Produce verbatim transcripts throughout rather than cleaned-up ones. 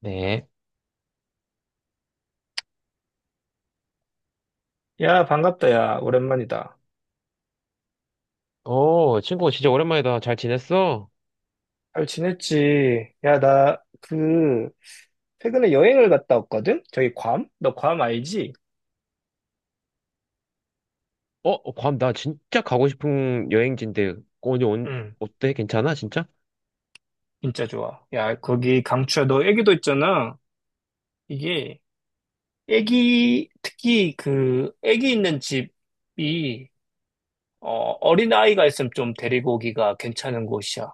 네. 야, 반갑다, 야. 오랜만이다. 어, 친구 진짜 오랜만이다. 잘 지냈어? 잘 지냈지? 야, 나, 그, 최근에 여행을 갔다 왔거든? 저기 괌? 너 괌 알지? 어, 괌, 나 진짜 가고 싶은 여행지인데, 오늘 온, 응, 어때? 괜찮아, 진짜? 진짜 좋아. 야, 거기 강추야. 너 애기도 있잖아. 이게, 애기, 특히 그, 애기 있는 집이, 어, 어린아이가 있으면 좀 데리고 오기가 괜찮은 곳이야.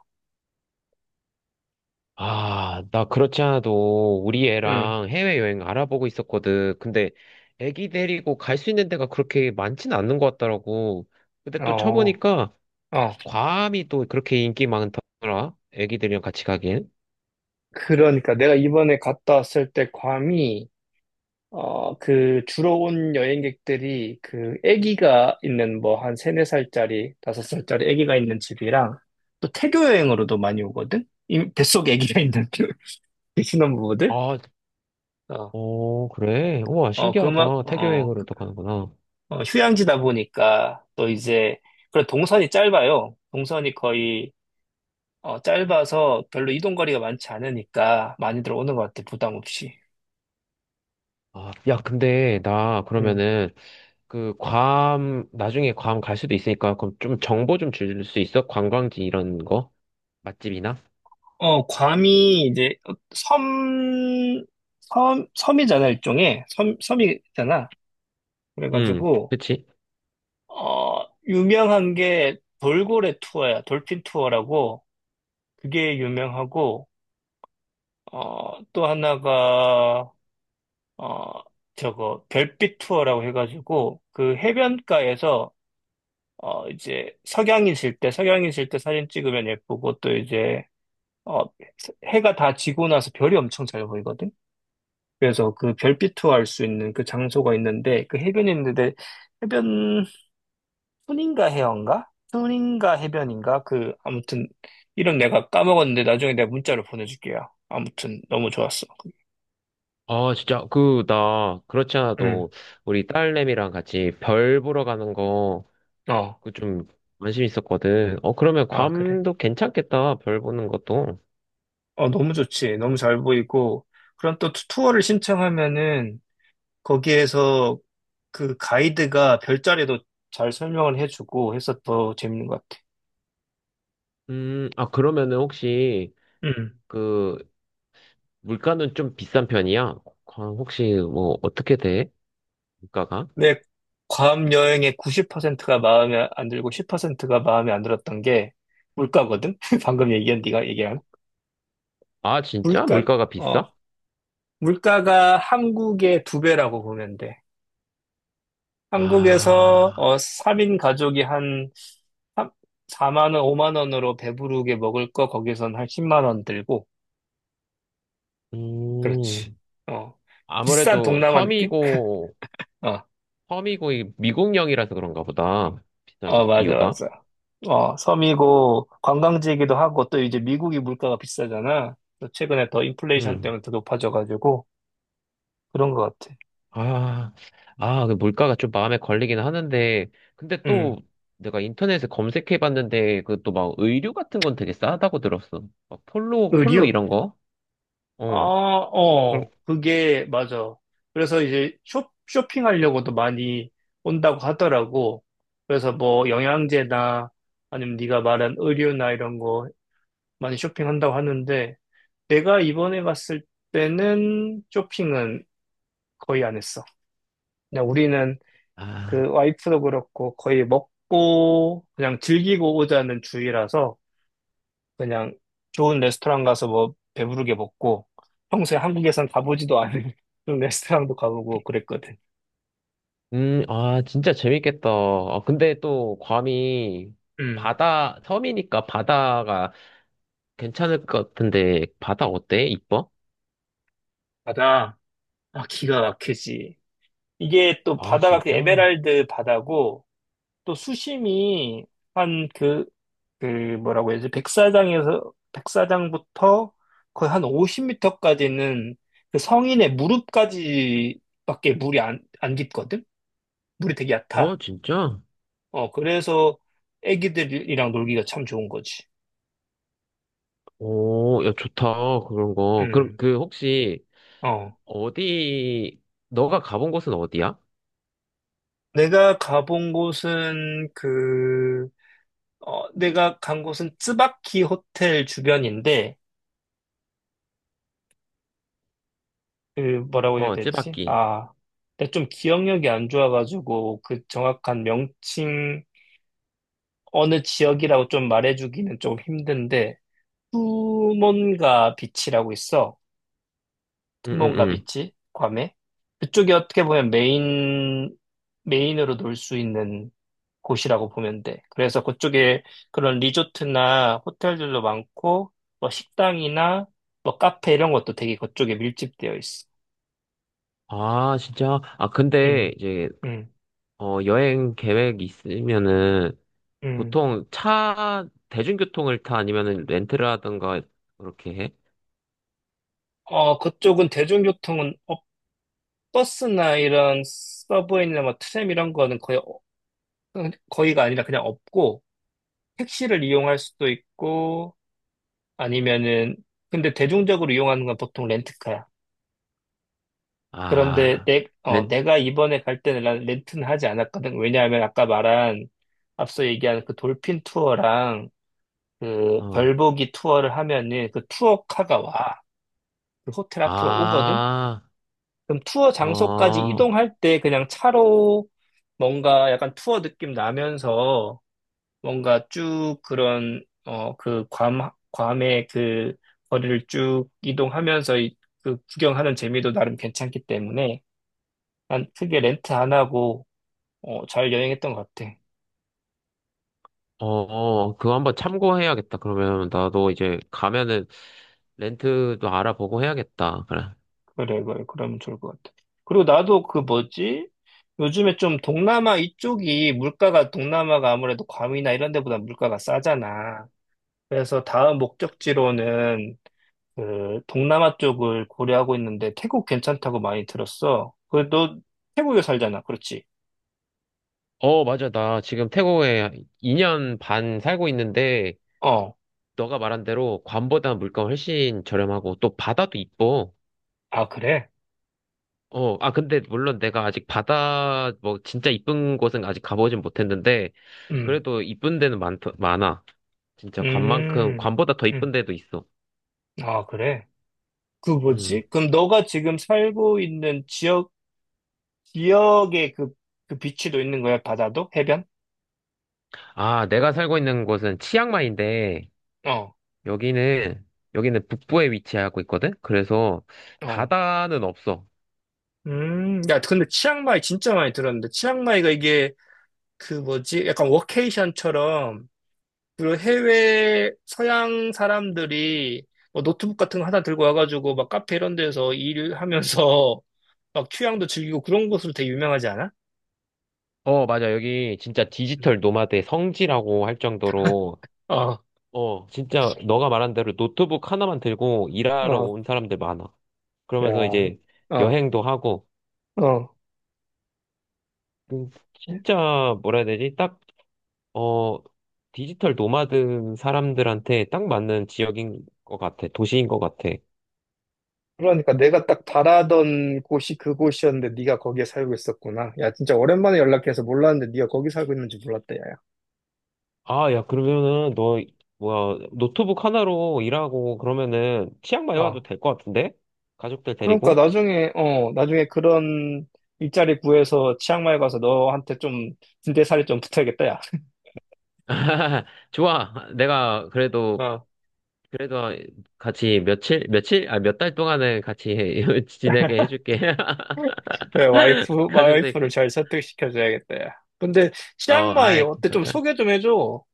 아, 나 그렇지 않아도 우리 응. 애랑 해외여행 알아보고 있었거든. 근데 애기 데리고 갈 수 있는 데가 그렇게 많진 않는 것 같더라고. 근데 또 어, 쳐보니까 어. 괌이 또 그렇게 인기 많더라. 애기들이랑 같이 가기엔. 그러니까 내가 이번에 갔다 왔을 때 괌이, 어, 그 주로 온 여행객들이 그 아기가 있는 뭐 한 세네 살짜리, 다섯 살짜리 아기가 있는 집이랑 또 태교 여행으로도 많이 오거든? 이 뱃속에 아기가 있는 그 신혼부부들? 아, 어, 어, 그래. 우와, 어, 그 막, 신기하다. 태교 어, 여행으로 그- 또 가는구나. 어, 휴양지다 보니까 또 이제, 그래, 동선이 짧아요. 동선이 거의, 어, 짧아서 별로 이동 거리가 많지 않으니까 많이들 오는 것 같아, 부담 없이. 아, 야, 근데 나 그러면은 그 괌, 나중에 괌 갈 수도 있으니까 그럼 좀 정보 좀 줄 수 있어? 관광지 이런 거? 맛집이나? 어, 괌이 이제 섬, 섬, 섬이잖아, 일종의. 섬, 섬이잖아. 응, 그래가지고, 그치? 어, 유명한 게 돌고래 투어야. 돌핀 투어라고. 그게 유명하고, 어, 또 하나가, 어, 저거, 별빛 투어라고 해가지고, 그 해변가에서, 어, 이제 석양이 질 때, 석양이 질 때 사진 찍으면 예쁘고, 또 이제, 어, 해가 다 지고 나서 별이 엄청 잘 보이거든. 그래서 그 별빛투할 수 있는 그 장소가 있는데 그 해변이 있는데 해변 툰인가 해안가? 툰인가 해변인가? 그 아무튼 이름 내가 까먹었는데 나중에 내가 문자로 보내줄게요. 아무튼 너무 좋았어. 아, 진짜, 그, 나, 그렇지 응. 않아도, 우리 딸내미랑 같이 별 보러 가는 거, 어. 그 좀, 관심 있었거든. 어, 그러면 아, 그래. 괌도 괜찮겠다, 별 보는 것도. 어, 너무 좋지. 너무 잘 보이고. 그럼 또 투- 투어를 신청하면은 거기에서 그 가이드가 별자리도 잘 설명을 해주고 해서 더 재밌는 것 같아. 음, 아, 그러면은 혹시, 응. 그, 물가는 좀 비싼 편이야? 괌 혹시, 뭐, 어떻게 돼? 물가가? 근데 괌 여행의 구십 퍼센트가 마음에 안 들고 십 퍼센트가 마음에 안 들었던 게 물가거든? 방금 얘기한, 네가 얘기한. 아, 진짜? 물가, 물가가 어, 비싸? 물가가 한국의 두 배라고 보면 돼. 한국에서, 아, 어, 삼 인 가족이 한 삼, 사만 원, 오만 원으로 배부르게 먹을 거 거기선 한 십만 원 들고. 그렇지. 음, 어. 비싼 아무래도 동남아 느낌? 섬이고, 어, 섬이고, 이 미국령이라서 그런가 보다. 비싼 어, 맞아, 이유가. 맞아. 어, 섬이고 관광지이기도 하고 또 이제 미국이 물가가 비싸잖아. 또 최근에 더 인플레이션 음, 때문에 더 높아져가지고 그런 것 같아. 아, 아, 그 물가가 좀 마음에 걸리긴 하는데, 근데 음. 또 내가 인터넷에 검색해 봤는데, 그 또 막 의류 같은 건 되게 싸다고 들었어. 막 폴로, 폴로 의류? 이런 거? 아, 어, 그럼, 어, 그게 맞아. 그래서 이제 쇼, 쇼핑하려고도 많이 온다고 하더라고. 그래서 뭐 영양제나 아니면 네가 말한 의류나 이런 거 많이 쇼핑한다고 하는데 내가 이번에 갔을 때는 쇼핑은 거의 안 했어. 그냥 우리는 그 아, 와이프도 그렇고 거의 먹고 그냥 즐기고 오자는 주의라서 그냥 좋은 레스토랑 가서 뭐 배부르게 먹고 평소에 한국에선 가보지도 않은 그런 레스토랑도 가보고 그랬거든. 음, 아, 진짜 재밌겠다. 아, 근데 또 괌이 음, 바다, 섬이니까 바다가 괜찮을 것 같은데 바다 어때? 이뻐? 바다. 아, 기가 막히지. 이게 또 아, 바다가 그 진짜? 에메랄드 바다고 또 수심이 한그 그 뭐라고 해야지 백사장에서 백사장부터 거의 한 오십 미터까지는 그 성인의 무릎까지밖에 물이 안, 안 깊거든? 물이 되게 얕아. 어, 진짜? 어, 그래서 애기들이랑 놀기가 참 좋은 거지. 오, 야, 좋다. 그런 거. 그럼 음, 그 혹시 어. 어디 너가 가본 곳은 어디야? 내가 가본 곳은 그, 어, 내가 간 곳은 쯔바키 호텔 주변인데, 그 뭐라고 해야 어, 되지? 찌바키. 아, 내가 좀 기억력이 안 좋아가지고 그 정확한 명칭 어느 지역이라고 좀 말해주기는 좀 힘든데, 투몬가 비치라고 있어. 응, 응, 투몬가 응. 비치, 괌에. 그쪽이 어떻게 보면 메인, 메인으로 놀 수 있는 곳이라고 보면 돼. 그래서 그쪽에 그런 리조트나 호텔들도 많고, 뭐 식당이나 뭐 카페 이런 것도 되게 그쪽에 밀집되어 있어. 아, 진짜? 아, 근데 음, 이제 음, 어, 여행 계획 있으면은 음. 보통 차 대중교통을 타 아니면은 렌트를 하던가 그렇게 해? 어, 그쪽은 대중교통은 어, 버스나 이런 서브웨이나 뭐 트램 이런 거는 거의 어, 거의가 아니라 그냥 없고 택시를 이용할 수도 있고 아니면은 근데 대중적으로 이용하는 건 보통 렌트카야. 그런데 아, 내, 어, 렌 내가 이번에 갈 때는 난 렌트는 하지 않았거든. 왜냐하면 아까 말한 앞서 얘기한 그 돌핀 투어랑 그 어. 별보기 투어를 하면은 그 투어카가 와. 그 호텔 앞으로 오거든. 아, 그럼 투어 장소까지 어. 이동할 때 그냥 차로 뭔가 약간 투어 느낌 나면서 뭔가 쭉 그런, 어, 그 괌, 괌의 그 거리를 쭉 이동하면서 이- 그 구경하는 재미도 나름 괜찮기 때문에 난 크게 렌트 안 하고, 어, 잘 여행했던 것 같아. 어, 어, 그거 한번 참고해야겠다. 그러면 나도 이제 가면은 렌트도 알아보고 해야겠다. 그래. 그래, 그래. 그러면 좋을 것 같아. 그리고 나도 그 뭐지? 요즘에 좀 동남아 이쪽이 물가가 동남아가 아무래도 괌이나 이런 데보다 물가가 싸잖아. 그래서 다음 목적지로는 그 동남아 쪽을 고려하고 있는데 태국 괜찮다고 많이 들었어. 그 너 태국에 살잖아, 그렇지? 어, 맞아. 나 지금 태국에 이 년 반 살고 있는데, 어. 너가 말한 대로 관보다 물가 훨씬 저렴하고, 또 바다도 이뻐. 아 그래? 어, 아, 근데 물론 내가 아직 바다, 뭐, 진짜 이쁜 곳은 아직 가보진 못했는데, 음. 그래도 이쁜 데는 많, 많아. 진짜 관만큼, 음. 관보다 더 음. 이쁜 데도 있어. 아 그래? 그 음. 뭐지? 그럼 너가 지금 살고 있는 지역 지역의 그 그 비치도 있는 거야? 바다도? 해변? 아, 내가 살고 있는 곳은 치앙마이인데, 어. 여기는, 여기는 북부에 위치하고 있거든? 그래서 어. 바다는 없어. 음. 야, 근데 치앙마이 진짜 많이 들었는데 치앙마이가 이게 그 뭐지? 약간 워케이션처럼 그 해외 서양 사람들이 뭐 노트북 같은 거 하나 들고 와가지고 막 카페 이런 데서 일하면서 막 휴양도 즐기고 그런 곳으로 되게 유명하지 않아? 어, 맞아. 여기 진짜 음. 디지털 노마드의 성지라고 할 정도로, 어, 어, 진짜 너가 말한 대로 노트북 하나만 들고 일하러 어, 온 사람들 많아. 야, 그러면서 이제 어, 여행도 하고, 어. 음, 진짜 뭐라 해야 되지? 딱, 어, 디지털 노마드 사람들한테 딱 맞는 지역인 것 같아. 도시인 것 같아. 그러니까 내가 딱 바라던 곳이 그곳이었는데 네가 거기에 살고 있었구나. 야, 진짜 오랜만에 연락해서 몰랐는데 네가 거기 살고 있는지 몰랐다, 야. 아, 야, 그러면은 너 뭐야 노트북 하나로 일하고 그러면은 치앙마이 와도 어. 될 것 같은데? 가족들 그러니까 데리고? 나중에, 어, 나중에 그런 일자리 구해서 치앙마이 가서 너한테 좀 진대살이 좀 붙어야겠다, 야. 좋아. 내가 그래도, 어. 그래도 같이 며칠, 며칠? 아, 몇 달 동안은 같이 지내게 해줄게. 네, 와이프, 가족들, 와이프를 잘 설득시켜줘야겠다. 야. 근데 어, 치앙마이 아이, 어때? 좀 걱정. 소개 좀 해줘.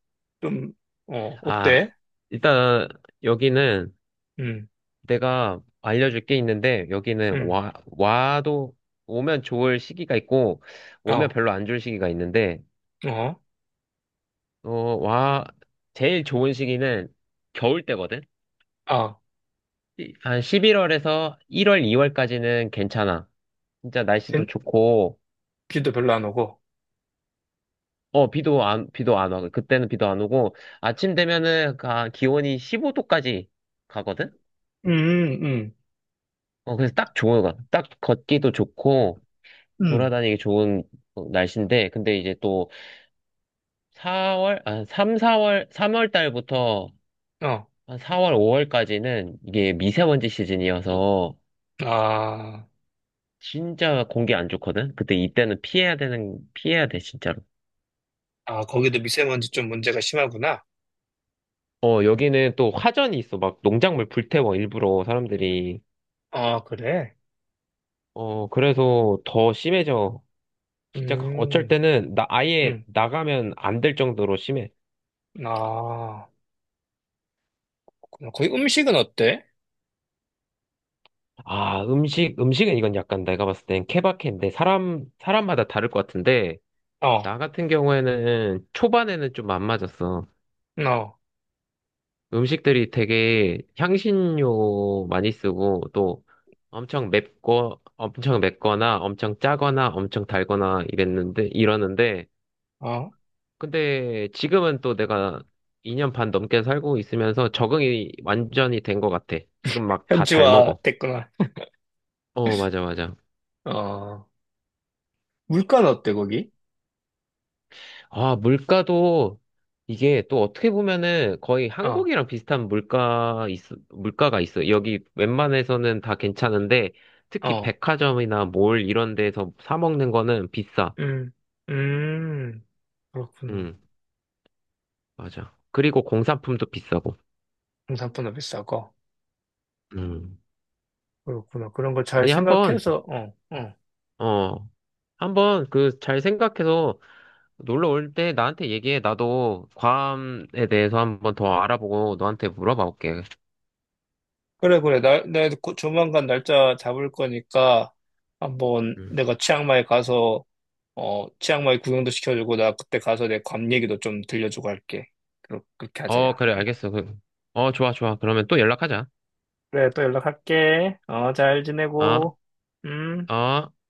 좀, 어, 아, 어때? 일단 여기는 음, 내가 알려줄 게 있는데, 여기는 음, 와, 와도, 오면 좋을 시기가 있고, 오면 어, 별로 안 좋을 시기가 있는데, 어, 어, 와, 제일 좋은 시기는 겨울 때거든? 아, 이- 한 십일월에서 일월, 이월까지는 괜찮아. 진짜 빈, 날씨도 좋고, 비도 별로 안 오고. 어, 비도 안, 비도 안 와. 그때는 비도 안 오고, 아침 되면은 가- 기온이 십오 도까지 가거든? 음, 음, 어, 그래서 딱 좋은 거. 같아. 딱 걷기도 좋고, 음, 돌아다니기 좋은 어, 날씨인데, 근데 이제 또 사월, 아, 삼, 사월, 삼월 달부터 어, 한 사월, 오월까지는 이게 미세먼지 시즌이어서, 아, 진짜 공기 안 좋거든? 그때 이때는 피해야 되는, 피해야 돼, 진짜로. 아, 거기도 미세먼지 좀 문제가 심하구나. 어, 여기는 또 화전이 있어. 막 농작물 불태워, 일부러 사람들이. 아, 그래? 어, 그래서 더 심해져. 진짜 그 어쩔 음, 때는 나 아예 음, 나가면 안 될 정도로 심해. 아, 그렇구나. 거기 음식은 어때? 아, 음식, 음식은 이건 약간 내가 봤을 땐 케바케인데 사람, 사람마다 다를 것 같은데 어, 나 같은 경우에는 초반에는 좀 안 맞았어. 어, 음식들이 되게 향신료 많이 쓰고 또 엄청 맵고 엄청 맵거나 엄청 짜거나 엄청 달거나 이랬는데 이러는데 어, 근데 지금은 또 내가 이 년 반 넘게 살고 있으면서 적응이 완전히 된 것 같아. 지금 막 다 잘 현지화 먹어. 됐구나. 어, 맞아, 맞아. 어, 물가는 어때, 거기? 아, 물가도 이게 또 어떻게 보면은 거의 어. 한국이랑 비슷한 물가 있, 물가가 있어. 여기 웬만해서는 다 괜찮은데 특히 어. 백화점이나 몰 이런 데서 사 먹는 거는 비싸. 음, 음, 그렇구나. 응, 맞아. 그리고 공산품도 비싸고. 홍삼보다 비싸고. 음. 그렇구나. 그런 걸 잘 아니, 한번, 생각해서, 어, 어. 어, 한번 그 잘 생각해서 놀러 올 때 나한테 얘기해. 나도 괌에 대해서 한번 더 알아보고 너한테 물어봐 볼게. 그래, 그래. 날, 내가 곧 조만간 날짜 잡을 거니까 한번 음. 내가 치앙마이 가서, 어, 치앙마이 구경도 시켜주고, 나 그때 가서 내 괌 얘기도 좀 들려주고 할게. 그렇- 그렇게 하자, 어, 야, 그래, 우리. 알겠어. 그- 어, 좋아, 좋아. 그러면 또 연락하자. 그래, 또 연락할게. 어, 잘 어, 지내고. 음. 어.